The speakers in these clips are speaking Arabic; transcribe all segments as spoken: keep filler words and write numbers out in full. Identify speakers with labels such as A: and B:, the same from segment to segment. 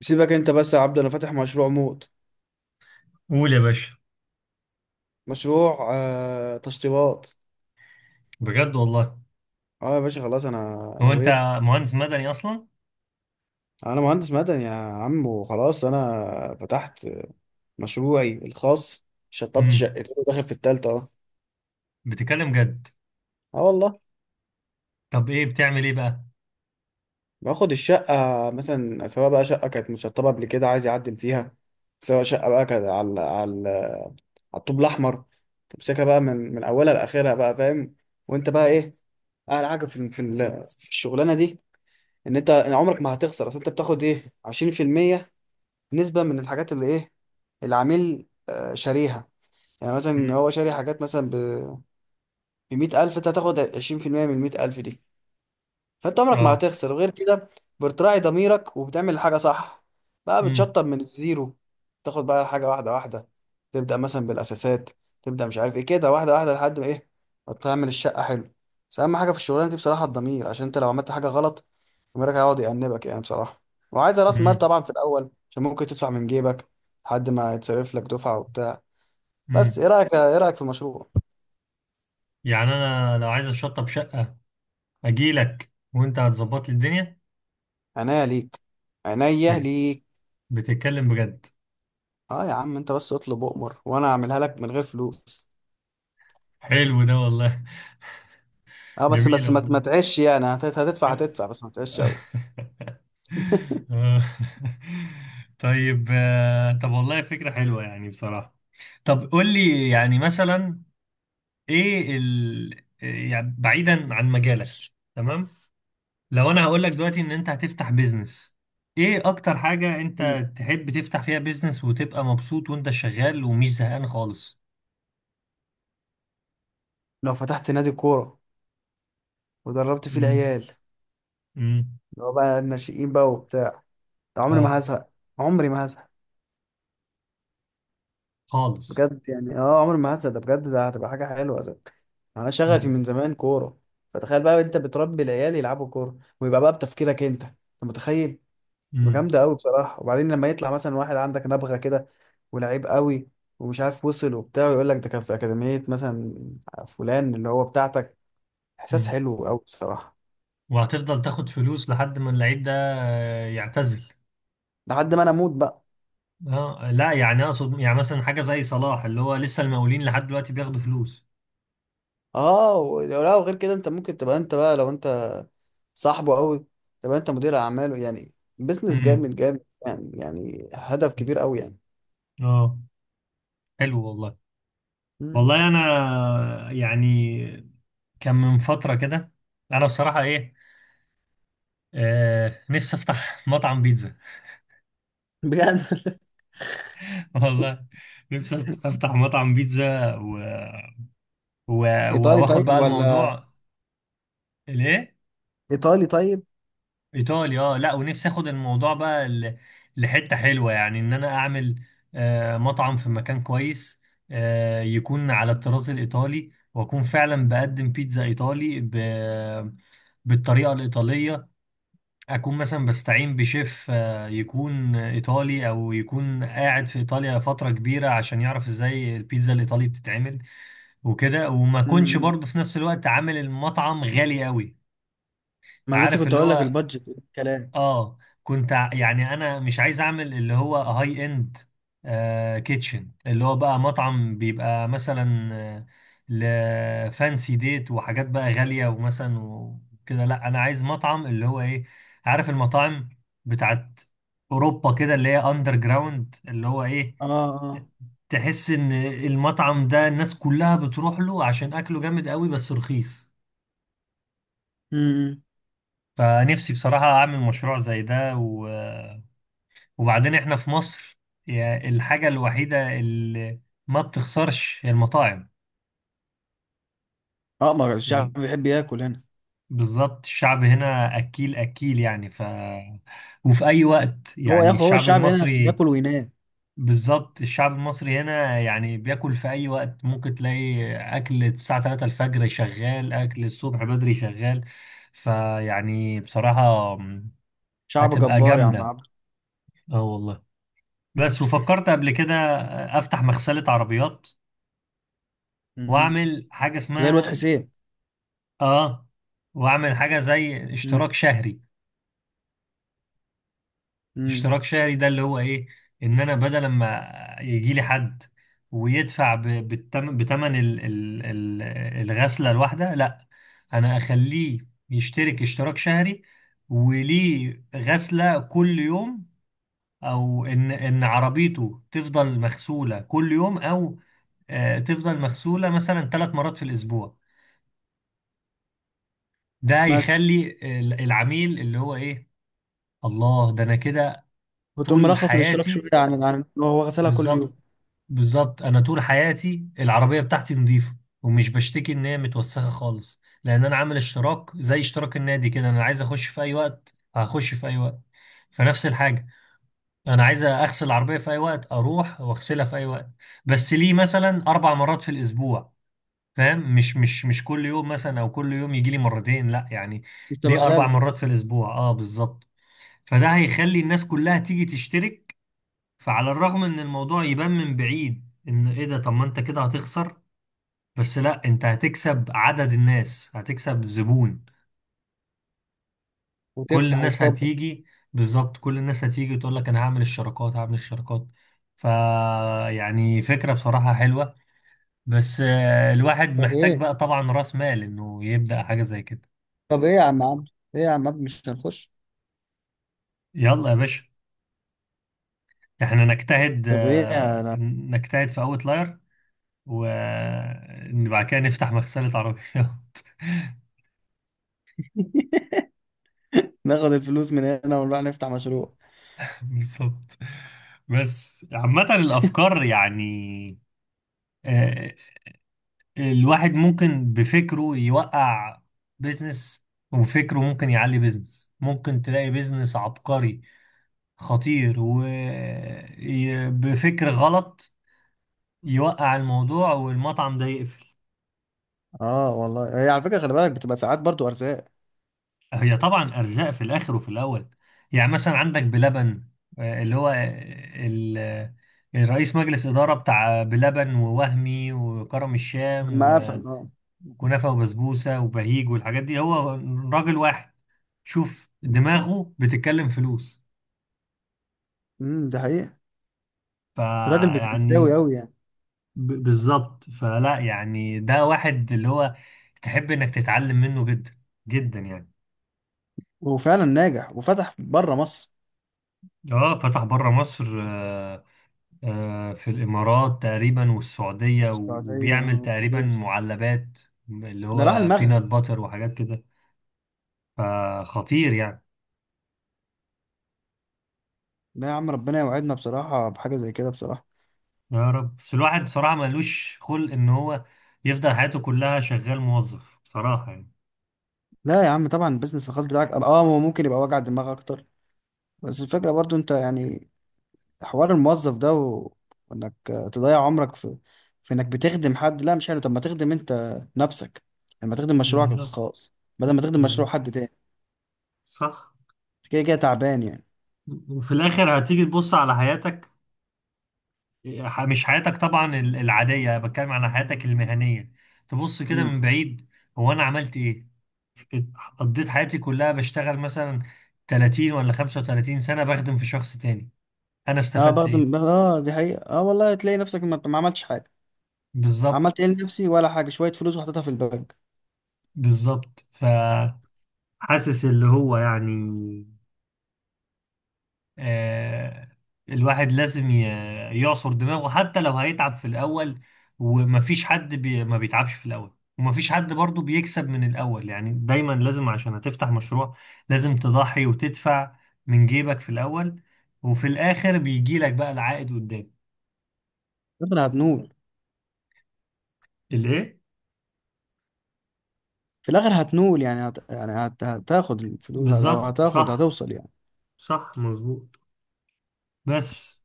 A: سيبك انت بس يا عبد، انا فاتح مشروع موت.
B: قول يا باشا.
A: مشروع آه تشطيبات.
B: بجد والله.
A: اه يا باشا، خلاص انا
B: هو انت
A: نويت.
B: مهندس مدني اصلا؟
A: انا مهندس مدني يا عم، وخلاص انا فتحت مشروعي الخاص. شطبت
B: امم
A: شقتين وداخل في التالتة اه.
B: بتتكلم جد؟
A: اه والله.
B: طب ايه بتعمل، ايه بقى؟
A: باخد الشقة مثلا، سواء بقى شقة كانت مشطبة قبل كده عايز يعدل فيها، سواء شقة بقى كانت على على على الطوب الأحمر. تمسكها بقى من من أولها لآخرها بقى، فاهم؟ وأنت بقى إيه، أعلى حاجة في في ال- في الشغلانة دي، ان انت عمرك ما هتخسر. اصل انت بتاخد ايه، عشرين في المية نسبة من الحاجات اللي ايه، العميل آه، شاريها. يعني مثلا
B: امم
A: هو شاري حاجات مثلا ب مية الف، انت هتاخد عشرين بالمية من مائة ألف دي. فانت عمرك ما
B: اه
A: هتخسر غير كده. بتراعي ضميرك وبتعمل الحاجه صح. بقى
B: امم
A: بتشطب من الزيرو، تاخد بقى حاجه واحده واحده. تبدا مثلا بالاساسات، تبدا مش عارف ايه كده، واحده واحده لحد ما ايه، ما تعمل الشقه حلو. بس اهم حاجه في الشغلانه دي بصراحه الضمير، عشان انت لو عملت حاجه غلط ضميرك هيقعد يأنبك يعني بصراحه. وعايزه راس مال
B: امم
A: طبعا في الاول، عشان ممكن تدفع من جيبك لحد ما يتصرف لك دفعه وبتاع. بس
B: امم
A: ايه رايك، ايه رايك في المشروع؟
B: يعني انا لو عايز اشطب شقة اجي لك وانت هتظبط لي الدنيا.
A: عينيا ليك. عينيا
B: بت-
A: ليك.
B: بتتكلم بجد؟
A: اه يا عم، انت بس اطلب اؤمر وانا اعملها لك من غير فلوس.
B: حلو ده والله.
A: اه بس
B: جميلة
A: بس ما
B: والله.
A: ما تعيش يعني، هت- هتدفع هتدفع بس ما تعيش قوي.
B: آه. طيب، آه، طب والله فكرة حلوة يعني بصراحة. طب قول لي يعني مثلا ايه ال... آه، يعني بعيدا عن مجالك. تمام. لو انا هقول لك دلوقتي ان انت هتفتح بيزنس، ايه اكتر حاجة
A: مم.
B: انت تحب تفتح فيها بيزنس وتبقى مبسوط وانت شغال ومش زهقان خالص؟
A: لو فتحت نادي كوره ودربت فيه
B: امم
A: العيال،
B: امم
A: اللي هو بقى الناشئين بقى وبتاع، ده عمري
B: اه.
A: ما هزهق. عمري ما هزهق.
B: خالص.
A: بجد يعني اه، عمري ما هزهق ده، بجد ده هتبقى حاجه حلوه ده. انا شغفي
B: امم
A: من زمان كوره. فتخيل بقى انت بتربي العيال يلعبوا كوره، ويبقى بقى بتفكيرك انت، انت متخيل؟
B: امم
A: جامده قوي بصراحه. وبعدين لما يطلع مثلا واحد عندك نبغه كده، ولعيب قوي، ومش عارف وصل وبتاع، ويقول لك ده كان في اكاديميه مثلا فلان اللي هو بتاعتك، احساس
B: أمم.
A: حلو قوي بصراحه.
B: وهتفضل تاخد فلوس لحد ما اللعيب ده، آه، يعتزل؟
A: لحد ما انا اموت بقى.
B: اه لا، يعني اقصد يعني مثلا حاجة زي صلاح اللي هو لسه المقاولين لحد دلوقتي بياخدوا فلوس.
A: اه ولو لا، وغير كده انت ممكن تبقى انت بقى، لو انت صاحبه قوي تبقى انت مدير اعماله، يعني بزنس
B: امم
A: جامد جامد يعني، يعني هدف كبير قوي يعني.
B: اه. حلو والله.
A: مم.
B: والله انا يعني كان من فترة كده، انا بصراحة ايه، آه، نفسي افتح مطعم بيتزا.
A: بجد
B: والله نفسي افتح مطعم بيتزا و... و... و-
A: ايطالي
B: واخد
A: طيب،
B: بقى
A: ولا؟
B: الموضوع. ليه؟
A: ايطالي طيب.
B: ايطالي اه. لا ونفسي اخد الموضوع بقى ل... لحتة حلوة يعني ان انا اعمل آه مطعم في مكان كويس، آه، يكون على الطراز الايطالي، واكون فعلا بقدم بيتزا ايطالي ب... بالطريقة الإيطالية. اكون مثلا بستعين بشيف، آه، يكون ايطالي او يكون قاعد في ايطاليا فتره كبيره عشان يعرف ازاي البيتزا الايطالي بتتعمل. وكده وما اكونش
A: مم.
B: برضه في نفس الوقت عامل المطعم غالي قوي.
A: ما انا لسه
B: عارف
A: كنت
B: اللي
A: اقول لك
B: هو،
A: البادجت كلام.
B: اه، كنت ع- يعني انا مش عايز اعمل اللي هو هاي اند كيتشن، اللي هو بقى مطعم بيبقى مثلا، آه، لفانسي ديت وحاجات بقى غالية ومثلا وكده. لا، انا عايز مطعم اللي هو ايه؟ عارف المطاعم بتاعت اوروبا كده، اللي هي اندر جراوند، اللي هو ايه،
A: اه. اه.
B: تحس ان المطعم ده الناس كلها بتروح له عشان اكله جامد قوي بس رخيص.
A: مم.
B: فنفسي بصراحة اعمل مشروع زي ده. وبعدين احنا في مصر، يعني الحاجة الوحيدة اللي ما بتخسرش هي المطاعم.
A: اه، ما الشعب
B: يعني
A: بيحب ياكل هنا.
B: بالظبط الشعب هنا أكيل أكيل يعني ف، وفي أي وقت
A: هو
B: يعني
A: ياكل هو
B: الشعب
A: الشعب هنا
B: المصري،
A: ياكل وينام.
B: بالظبط الشعب المصري هنا يعني بياكل في أي وقت، ممكن تلاقي أكل الساعة ثلاثة الفجر شغال، أكل الصبح بدري شغال. فيعني بصراحة
A: شعب
B: هتبقى
A: جبار يا عم
B: جامدة،
A: عبد.
B: اه والله. بس وفكرت قبل كده أفتح مغسلة عربيات
A: مم.
B: واعمل حاجه
A: زي الواد
B: اسمها،
A: حسين.
B: اه، واعمل حاجه زي
A: مم.
B: اشتراك شهري.
A: مم.
B: اشتراك شهري ده اللي هو ايه، ان انا بدل ما يجي لي حد ويدفع ب- بالتم... بتمن ال... ال... ال... الغسله الواحده، لا، انا اخليه يشترك اشتراك شهري، وليه غسله كل يوم، او ان ان عربيته تفضل مغسوله كل يوم، او آه، تفضل مغسوله مثلا ثلاث مرات في الاسبوع. ده
A: مثلا
B: يخلي ال- العميل اللي هو ايه؟ الله ده انا كده
A: وتقوم
B: طول
A: مرخص الاشتراك شويه
B: حياتي
A: عن عن هو غسلها كل يوم.
B: بالظبط. بالظبط انا طول حياتي العربية بتاعتي نظيفة ومش بشتكي ان هي متوسخة خالص، لان انا عامل اشتراك زي اشتراك النادي كده، انا عايز اخش في اي وقت هخش في اي وقت. فنفس الحاجة، انا عايز اغسل العربية في اي وقت اروح واغسلها في اي وقت، بس ليه مثلا اربع مرات في الاسبوع. فاهم؟ مش مش مش كل يوم مثلا او كل يوم يجي لي مرتين، لا يعني
A: مش تبقى
B: ليه اربع
A: هلاله.
B: مرات في الاسبوع، اه بالظبط. فده هيخلي الناس كلها تيجي تشترك. فعلى الرغم ان الموضوع يبان من بعيد ان ايه ده، طب ما انت كده هتخسر، بس لا انت هتكسب عدد الناس، هتكسب زبون. كل
A: وتفتح
B: الناس
A: وتكبر.
B: هتيجي. بالظبط كل الناس هتيجي وتقول لك انا هعمل الشراكات هعمل الشراكات. ف، يعني فكرة بصراحة حلوة، بس آه، الواحد
A: طب
B: محتاج
A: ايه،
B: بقى طبعا راس مال انه يبدأ حاجة زي كده.
A: طب ايه يا عم عبد؟ ايه يا عم عبد، مش هنخش؟
B: يلا يا باشا، احنا نجتهد،
A: طب ايه يا
B: آه،
A: لا.
B: نجتهد في اوتلاير وبعد كده نفتح مغسلة عربيات.
A: ناخد الفلوس من هنا ونروح نفتح مشروع.
B: بالظبط. بس عامة الأفكار يعني، آه، الواحد ممكن بفكره يوقع بيزنس وفكره ممكن يعلي بيزنس، ممكن تلاقي بيزنس عبقري خطير وبفكر غلط يوقع الموضوع والمطعم ده يقفل.
A: اه والله، هي على فكره خلي بالك بتبقى ساعات برضو ارزاق.
B: هي طبعا ارزاق في الاخر وفي الاول. يعني مثلا عندك بلبن، آه، اللي هو، آه، ال- الرئيس مجلس اداره بتاع بلبن ووهمي وكرم الشام
A: لما قفل
B: و-
A: اه.
B: وكنافه وبسبوسه وبهيج والحاجات دي، هو راجل واحد. شوف دماغه بتتكلم فلوس.
A: امم ده حقيقه. راجل بزنساوي
B: فيعني
A: قوي يعني.
B: ب- بالظبط، فلا يعني ده واحد اللي هو تحب انك تتعلم منه جدا جدا يعني.
A: وفعلا ناجح، وفتح بره مصر.
B: اه فتح بره مصر، آه، آه، في الإمارات تقريبا والسعودية و-
A: السعودية
B: وبيعمل
A: آه،
B: تقريبا
A: كويس.
B: معلبات، اللي
A: ده راح
B: هو بينات
A: المغرب.
B: باتر وحاجات كده، فخطير يعني.
A: لا يا عم، ربنا يوعدنا بصراحة بحاجة زي كده بصراحة.
B: يا رب، بس الواحد بصراحة ملوش خلق إن هو يفضل حياته كلها شغال موظف بصراحة يعني.
A: لا يا عم طبعا، البيزنس الخاص بتاعك اه هو ممكن يبقى وجع دماغ اكتر، بس الفكرة برضو انت يعني، حوار الموظف ده و... وانك آه، تضيع عمرك في، في انك بتخدم حد، لا مش حلو. طب ما تخدم انت نفسك، لما تخدم مشروعك
B: بالظبط.
A: الخاص بدل ما تخدم مشروع
B: بالظبط
A: حد تاني.
B: صح.
A: أنت كده كده تعبان يعني.
B: وفي الآخر هتيجي تبص على حياتك، ح- مش حياتك طبعا ال- العادية، بتكلم عن حياتك المهنية. تبص كده
A: امم.
B: من بعيد، هو أنا عملت إيه؟ قضيت حياتي كلها بشتغل مثلا تلاتين ولا خمسة وثلاثين سنة بخدم في شخص تاني، أنا
A: اه،
B: استفدت إيه؟
A: بخدم بخ- اه دي حقيقة، اه والله تلاقي نفسك ما ما عملتش حاجة.
B: بالظبط.
A: عملت ايه لنفسي؟ ولا حاجة، شوية فلوس وحطيتها في البنك.
B: بالظبط فحاسس اللي هو يعني، آه، الواحد لازم ي- يعصر دماغه حتى لو هيتعب في الأول. ومفيش حد بي ما بيتعبش في الأول ومفيش حد برضو بيكسب من الأول، يعني دايما لازم عشان هتفتح مشروع لازم تضحي وتدفع من جيبك في الأول، وفي الآخر بيجي لك بقى العائد قدام.
A: ربنا هتنور.
B: الإيه؟
A: في الاخر هتنول يعني، هت... يعني هت... هتاخد الفلوس، هت... او
B: بالظبط
A: هتاخد،
B: صح.
A: هتوصل يعني.
B: صح مظبوط. بس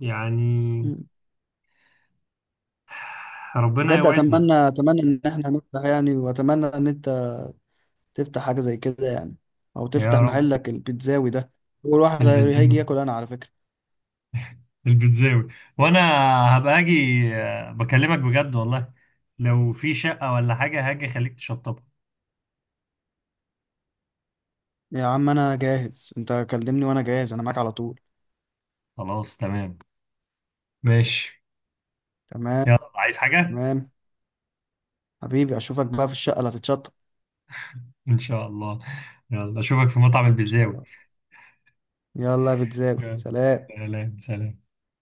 B: يعني
A: مم.
B: ربنا
A: بجد
B: يوعدنا.
A: اتمنى، اتمنى ان احنا نفتح يعني، واتمنى ان انت تفتح حاجه زي كده يعني، او
B: يا
A: تفتح
B: رب.
A: محلك البيتزاوي ده. اول واحد هي- هيجي
B: البنزين،
A: ياكل انا على فكره.
B: البيتزاوي. وانا هبقى اجي، آه، بكلمك بجد والله، لو في شقة ولا حاجة هاجي خليك تشطبها.
A: يا عم انا جاهز، انت كلمني وانا جاهز، انا معاك على طول.
B: خلاص تمام. ماشي.
A: تمام.
B: يلا، عايز حاجة؟
A: تمام. حبيبي، اشوفك بقى في الشقه اللي هتتشطب.
B: ان شاء الله. يلا اشوفك في مطعم البيتزاوي.
A: يلا يا بيتزاوي،
B: يلا
A: سلام.
B: سلام سلام.